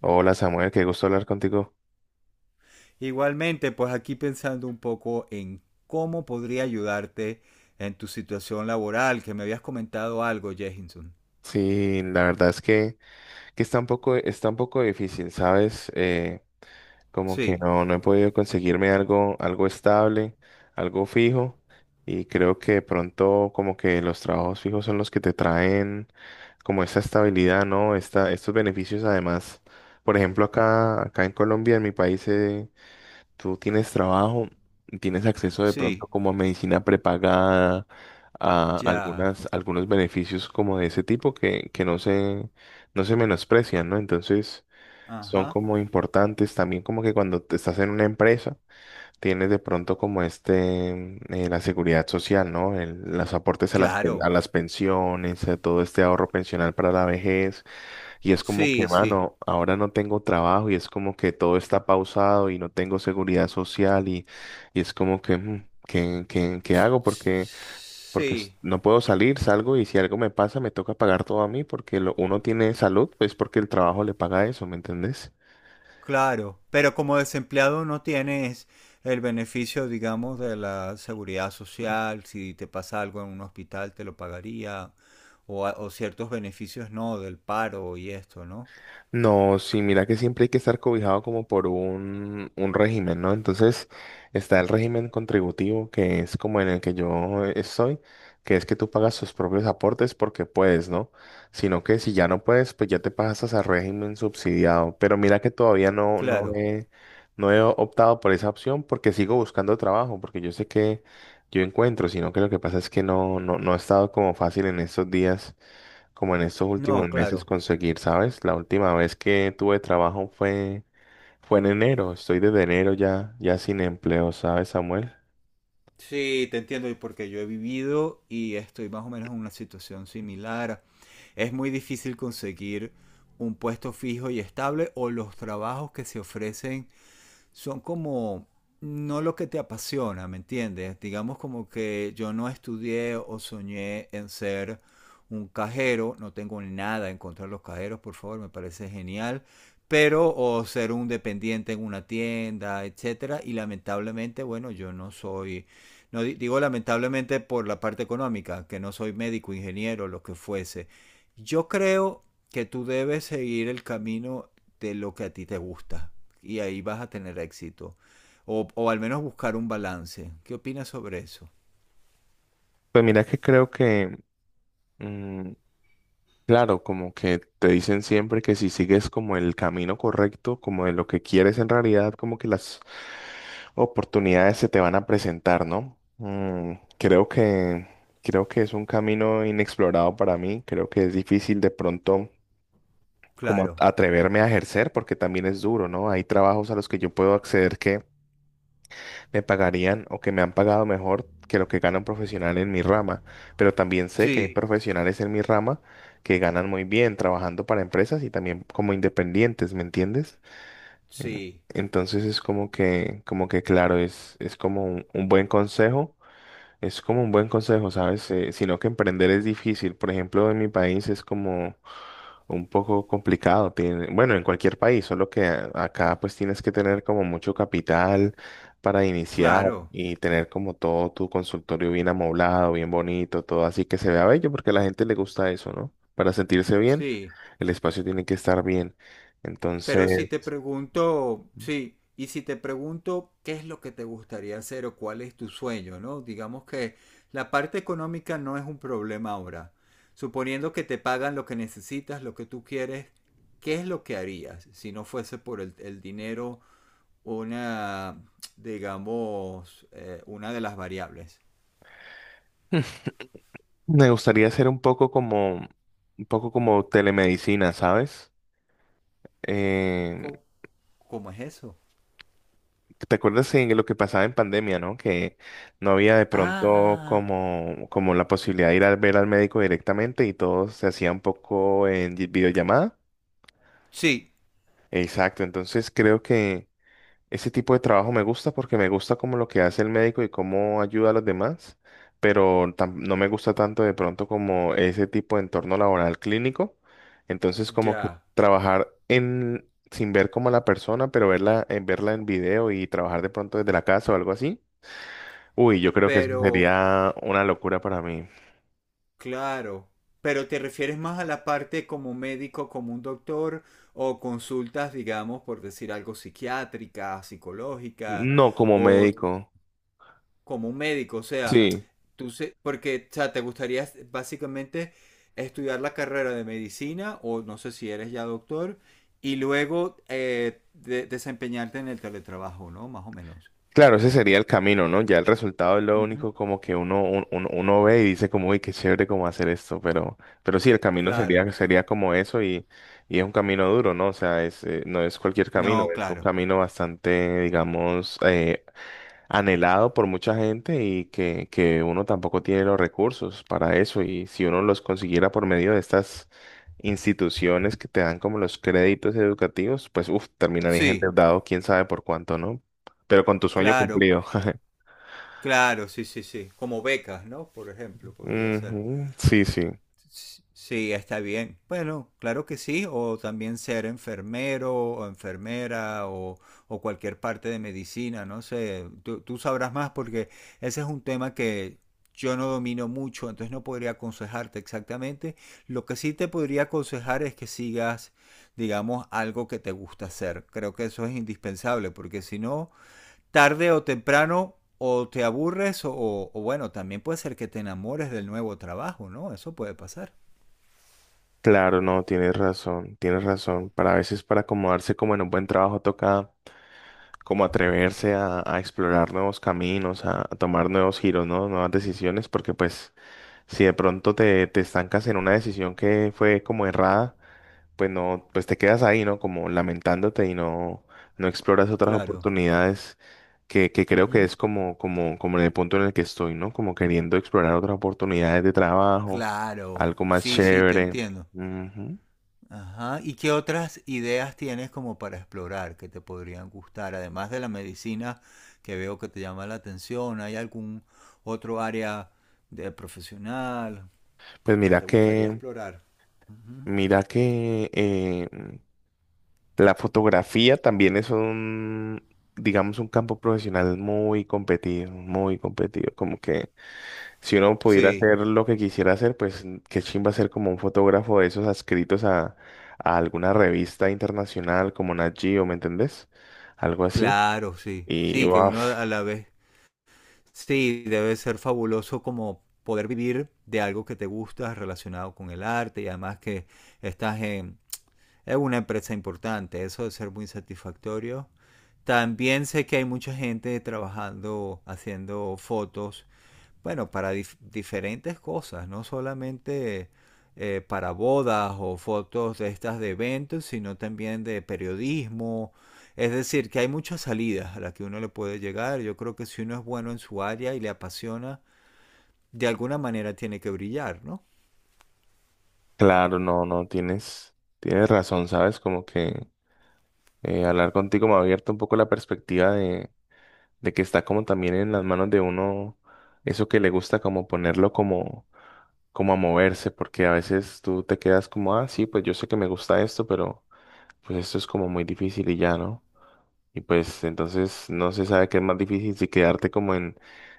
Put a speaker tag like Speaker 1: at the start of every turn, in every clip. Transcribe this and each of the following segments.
Speaker 1: Hola Samuel, qué gusto hablar contigo.
Speaker 2: Igualmente, pues aquí pensando un poco en cómo podría ayudarte en tu situación laboral, que me habías comentado algo, Jehinson.
Speaker 1: Sí, la verdad es que está un poco difícil, ¿sabes? Como que
Speaker 2: Sí,
Speaker 1: no he podido conseguirme algo estable, algo fijo, y creo que de pronto como que los trabajos fijos son los que te traen como esta estabilidad, ¿no? Estos beneficios además. Por ejemplo, acá en Colombia, en mi país, tú tienes trabajo, tienes acceso de pronto
Speaker 2: sí,
Speaker 1: como a medicina prepagada, a
Speaker 2: ya.
Speaker 1: algunos beneficios como de ese tipo que no no se menosprecian, ¿no? Entonces son
Speaker 2: Ajá.
Speaker 1: como importantes también como que cuando te estás en una empresa tienes de pronto como la seguridad social, ¿no? Los aportes a a
Speaker 2: Claro.
Speaker 1: las pensiones, a todo este ahorro pensional para la vejez. Y es como que,
Speaker 2: Sí, sí.
Speaker 1: mano, ahora no tengo trabajo y es como que todo está pausado y no tengo seguridad social y es como que, ¿qué, qué hago? Porque
Speaker 2: Sí.
Speaker 1: no puedo salir, salgo y si algo me pasa me toca pagar todo a mí porque uno tiene salud, pues porque el trabajo le paga eso, ¿me entendés?
Speaker 2: Claro. Pero como desempleado no tienes el beneficio, digamos, de la seguridad social. Si te pasa algo en un hospital, te lo pagaría. O, o ciertos beneficios, no, del paro y esto, ¿no?
Speaker 1: No, sí, mira que siempre hay que estar cobijado como por un régimen, ¿no? Entonces está el régimen contributivo, que es como en el que yo estoy, que es que tú pagas tus propios aportes porque puedes, ¿no? Sino que si ya no puedes, pues ya te pasas al régimen subsidiado. Pero mira que todavía
Speaker 2: Claro.
Speaker 1: no he optado por esa opción porque sigo buscando trabajo, porque yo sé que yo encuentro, sino que lo que pasa es que no ha estado como fácil en estos días como en estos últimos
Speaker 2: No,
Speaker 1: meses
Speaker 2: claro.
Speaker 1: conseguir, ¿sabes? La última vez que tuve trabajo fue en enero. Estoy desde enero ya sin empleo, ¿sabes, Samuel?
Speaker 2: Sí, te entiendo, y porque yo he vivido y estoy más o menos en una situación similar. Es muy difícil conseguir un puesto fijo y estable o los trabajos que se ofrecen son como no lo que te apasiona, ¿me entiendes? Digamos como que yo no estudié o soñé en ser un cajero, no tengo nada en contra de los cajeros, por favor, me parece genial, pero o ser un dependiente en una tienda, etcétera, y lamentablemente, bueno, yo no soy no di- digo lamentablemente por la parte económica, que no soy médico, ingeniero, lo que fuese. Yo creo que tú debes seguir el camino de lo que a ti te gusta y ahí vas a tener éxito. O al menos buscar un balance. ¿Qué opinas sobre eso?
Speaker 1: Pues mira que creo que, mm, claro, como que te dicen siempre que si sigues como el camino correcto, como de lo que quieres en realidad, como que las oportunidades se te van a presentar, ¿no? Creo que es un camino inexplorado para mí. Creo que es difícil de pronto, como
Speaker 2: Claro.
Speaker 1: atreverme a ejercer, porque también es duro, ¿no? Hay trabajos a los que yo puedo acceder que me pagarían o que me han pagado mejor que lo que gana un profesional en mi rama, pero también sé que hay Sí.
Speaker 2: Sí,
Speaker 1: profesionales en mi rama que ganan muy bien trabajando para empresas y también como independientes, ¿me entiendes? En-
Speaker 2: sí,
Speaker 1: Entonces es como que claro, es como un buen consejo, es como un buen consejo, ¿sabes? Sino que emprender es difícil. Por ejemplo, en mi país es como un poco complicado. Bueno, en cualquier país, solo que acá pues tienes que tener como mucho capital para iniciar
Speaker 2: claro,
Speaker 1: y tener como todo tu consultorio bien amoblado, bien bonito, todo así que se vea bello porque a la gente le gusta eso, ¿no? Para sentirse bien,
Speaker 2: sí.
Speaker 1: el espacio tiene que estar bien. Entonces,
Speaker 2: Pero si te pregunto, sí, y si te pregunto qué es lo que te gustaría hacer o cuál es tu sueño, ¿no? Digamos que la parte económica no es un problema ahora. Suponiendo que te pagan lo que necesitas, lo que tú quieres, ¿qué es lo que harías si no fuese por el dinero una, digamos, una de las variables.
Speaker 1: me gustaría hacer un poco un poco como telemedicina, ¿sabes? Eh,
Speaker 2: ¿Cómo, cómo es eso?
Speaker 1: ¿Te acuerdas en lo que pasaba en pandemia, ¿no? Que no había de
Speaker 2: Ah,
Speaker 1: pronto
Speaker 2: ah,
Speaker 1: como la posibilidad de ir a ver al médico directamente y todo se hacía un poco en videollamada.
Speaker 2: sí,
Speaker 1: Exacto, entonces creo que ese tipo de trabajo me gusta porque me gusta como lo que hace el médico y cómo ayuda a los demás, pero no me gusta tanto de pronto como ese tipo de entorno laboral clínico. Entonces como que
Speaker 2: ya.
Speaker 1: trabajar en sin ver como a la persona, pero verla en video y trabajar de pronto desde la casa o algo así. Uy, yo creo que eso
Speaker 2: Pero,
Speaker 1: sería una locura para mí.
Speaker 2: claro. Pero te refieres más a la parte como médico, como un doctor, o consultas, digamos, por decir algo, psiquiátricas, psicológicas,
Speaker 1: No como
Speaker 2: o
Speaker 1: médico.
Speaker 2: como un médico, o sea,
Speaker 1: Sí,
Speaker 2: porque, o sea, te gustaría básicamente estudiar la carrera de medicina o no sé si eres ya doctor y luego desempeñarte en el teletrabajo, ¿no? Más o menos.
Speaker 1: claro, ese sería el camino, ¿no? Ya el resultado es lo
Speaker 2: Ujú.
Speaker 1: único como que uno ve y dice como, uy, qué chévere cómo hacer esto, pero sí, el camino
Speaker 2: Claro.
Speaker 1: sería como eso y es un camino duro, ¿no? O sea, no es cualquier camino,
Speaker 2: No,
Speaker 1: es un
Speaker 2: claro.
Speaker 1: camino bastante, digamos, anhelado por mucha gente que uno tampoco tiene los recursos para eso. Y si uno los consiguiera por medio de estas instituciones que te dan como los créditos educativos, pues uff, terminarías
Speaker 2: Sí,
Speaker 1: endeudado, quién sabe por cuánto, ¿no? Pero con tu sueño
Speaker 2: claro,
Speaker 1: cumplido.
Speaker 2: claro, sí, sí, sí. Como becas, ¿no? Por ejemplo, podría ser.
Speaker 1: Ujú, sí, sí.
Speaker 2: Sí, está bien. Bueno, claro que sí, o también ser enfermero o enfermera o cualquier parte de medicina, no sé, tú sabrás más porque ese es un tema que yo no domino mucho, entonces no podría aconsejarte exactamente. Lo que sí te podría aconsejar es que sigas, digamos, algo que te gusta hacer. Creo que eso es indispensable porque si no, tarde o temprano o te aburres o bueno, también puede ser que te enamores del nuevo trabajo, ¿no? Eso puede pasar.
Speaker 1: Claro, no, tienes razón, tienes razón. Para a veces para acomodarse como en un buen trabajo toca como atreverse a explorar nuevos caminos, a tomar nuevos giros, ¿no? Nuevas decisiones, porque pues si de pronto te estancas en una decisión que fue como errada, pues no, pues te quedas ahí, ¿no? Como lamentándote y no, no exploras otras
Speaker 2: Claro.
Speaker 1: oportunidades que creo que
Speaker 2: Ujú.
Speaker 1: es como en el punto en el que estoy, ¿no? Como queriendo explorar otras oportunidades de trabajo,
Speaker 2: Claro.
Speaker 1: algo más
Speaker 2: Sí, sí, te
Speaker 1: chévere.
Speaker 2: entiendo.
Speaker 1: Ujú.
Speaker 2: Ajá. ¿Y qué otras ideas tienes como para explorar que te podrían gustar? Además de la medicina que veo que te llama la atención, ¿hay algún otro área de profesional
Speaker 1: Pues
Speaker 2: que te gustaría explorar? Ujú.
Speaker 1: mira que la fotografía también es un, digamos, un campo profesional muy competido, como que si uno pudiera
Speaker 2: Sí,
Speaker 1: hacer lo que quisiera hacer, pues qué chimba ser como un fotógrafo de esos adscritos a alguna revista internacional como Nat Geo, ¿me entendés? Algo así.
Speaker 2: claro, sí.
Speaker 1: Y
Speaker 2: Sí, que uno
Speaker 1: uaf,
Speaker 2: a la vez, sí, debe ser fabuloso como poder vivir de algo que te gusta relacionado con el arte y además que estás es una empresa importante, eso debe ser muy satisfactorio. También sé que hay mucha gente trabajando, haciendo fotos, bueno, para diferentes cosas, no solamente para bodas o fotos de estas de eventos, sino también de periodismo. Es decir, que hay muchas salidas a las que uno le puede llegar. Yo creo que si uno es bueno en su área y le apasiona, de alguna manera tiene que brillar, ¿no?
Speaker 1: claro, no, no, tienes, tienes razón, ¿sabes? Como que hablar contigo me ha abierto un poco la perspectiva de que está como también en las manos de uno eso que le gusta, como ponerlo como a moverse, porque a veces tú te quedas como, ah, sí, pues yo sé que me gusta esto, pero pues esto es como muy difícil y ya, ¿no? Y pues entonces no se sabe qué es más difícil, si quedarte como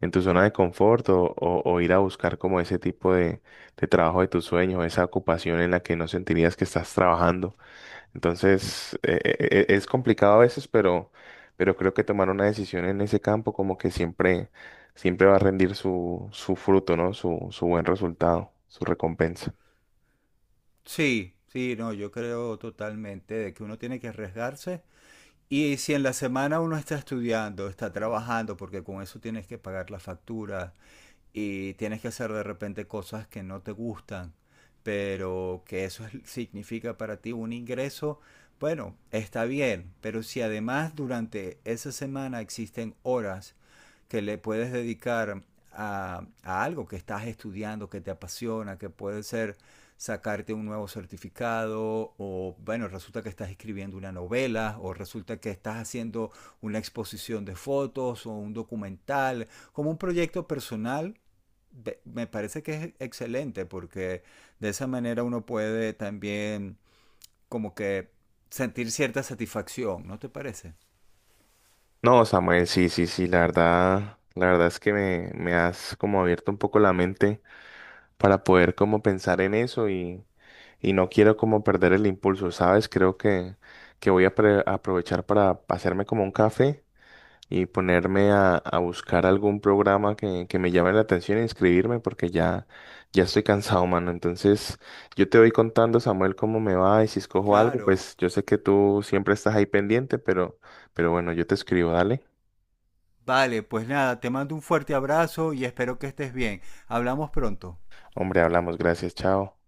Speaker 1: en tu zona de confort o, o ir a buscar como ese tipo de trabajo de tus sueños, esa ocupación en la que no sentirías que estás trabajando. Entonces es complicado a veces, pero creo que tomar una decisión en ese campo como que siempre, siempre va a rendir su fruto, ¿no? Su buen resultado, su recompensa.
Speaker 2: Sí, sí, no, yo creo totalmente de que uno tiene que arriesgarse. Y si en la semana uno está estudiando, está trabajando, porque con eso tienes que pagar la factura, y tienes que hacer de repente cosas que no te gustan, pero que eso significa para ti un ingreso, bueno, está bien, pero si además durante esa semana existen horas que le puedes dedicar a algo que estás estudiando, que te apasiona, que puede ser sacarte un nuevo certificado o bueno, resulta que estás escribiendo una novela o resulta que estás haciendo una exposición de fotos o un documental, como un proyecto personal. Me parece que es excelente porque de esa manera uno puede también como que sentir cierta satisfacción, ¿no te parece?
Speaker 1: No, Samuel, sí, sí, sí, la verdad es que me has como abierto un poco la mente para poder como pensar en eso y no quiero como perder el impulso, ¿sabes? Creo que voy a aprovechar para hacerme como un café y ponerme a buscar algún programa que me llame la atención e inscribirme porque ya estoy cansado, mano. Entonces, yo te voy contando, Samuel, cómo me va y si escojo algo,
Speaker 2: Claro.
Speaker 1: pues yo sé que tú siempre estás ahí pendiente, pero bueno, yo te escribo, dale.
Speaker 2: Vale, pues nada, te mando un fuerte abrazo y espero que estés bien. Hablamos pronto.
Speaker 1: Hombre, hablamos, gracias, chao.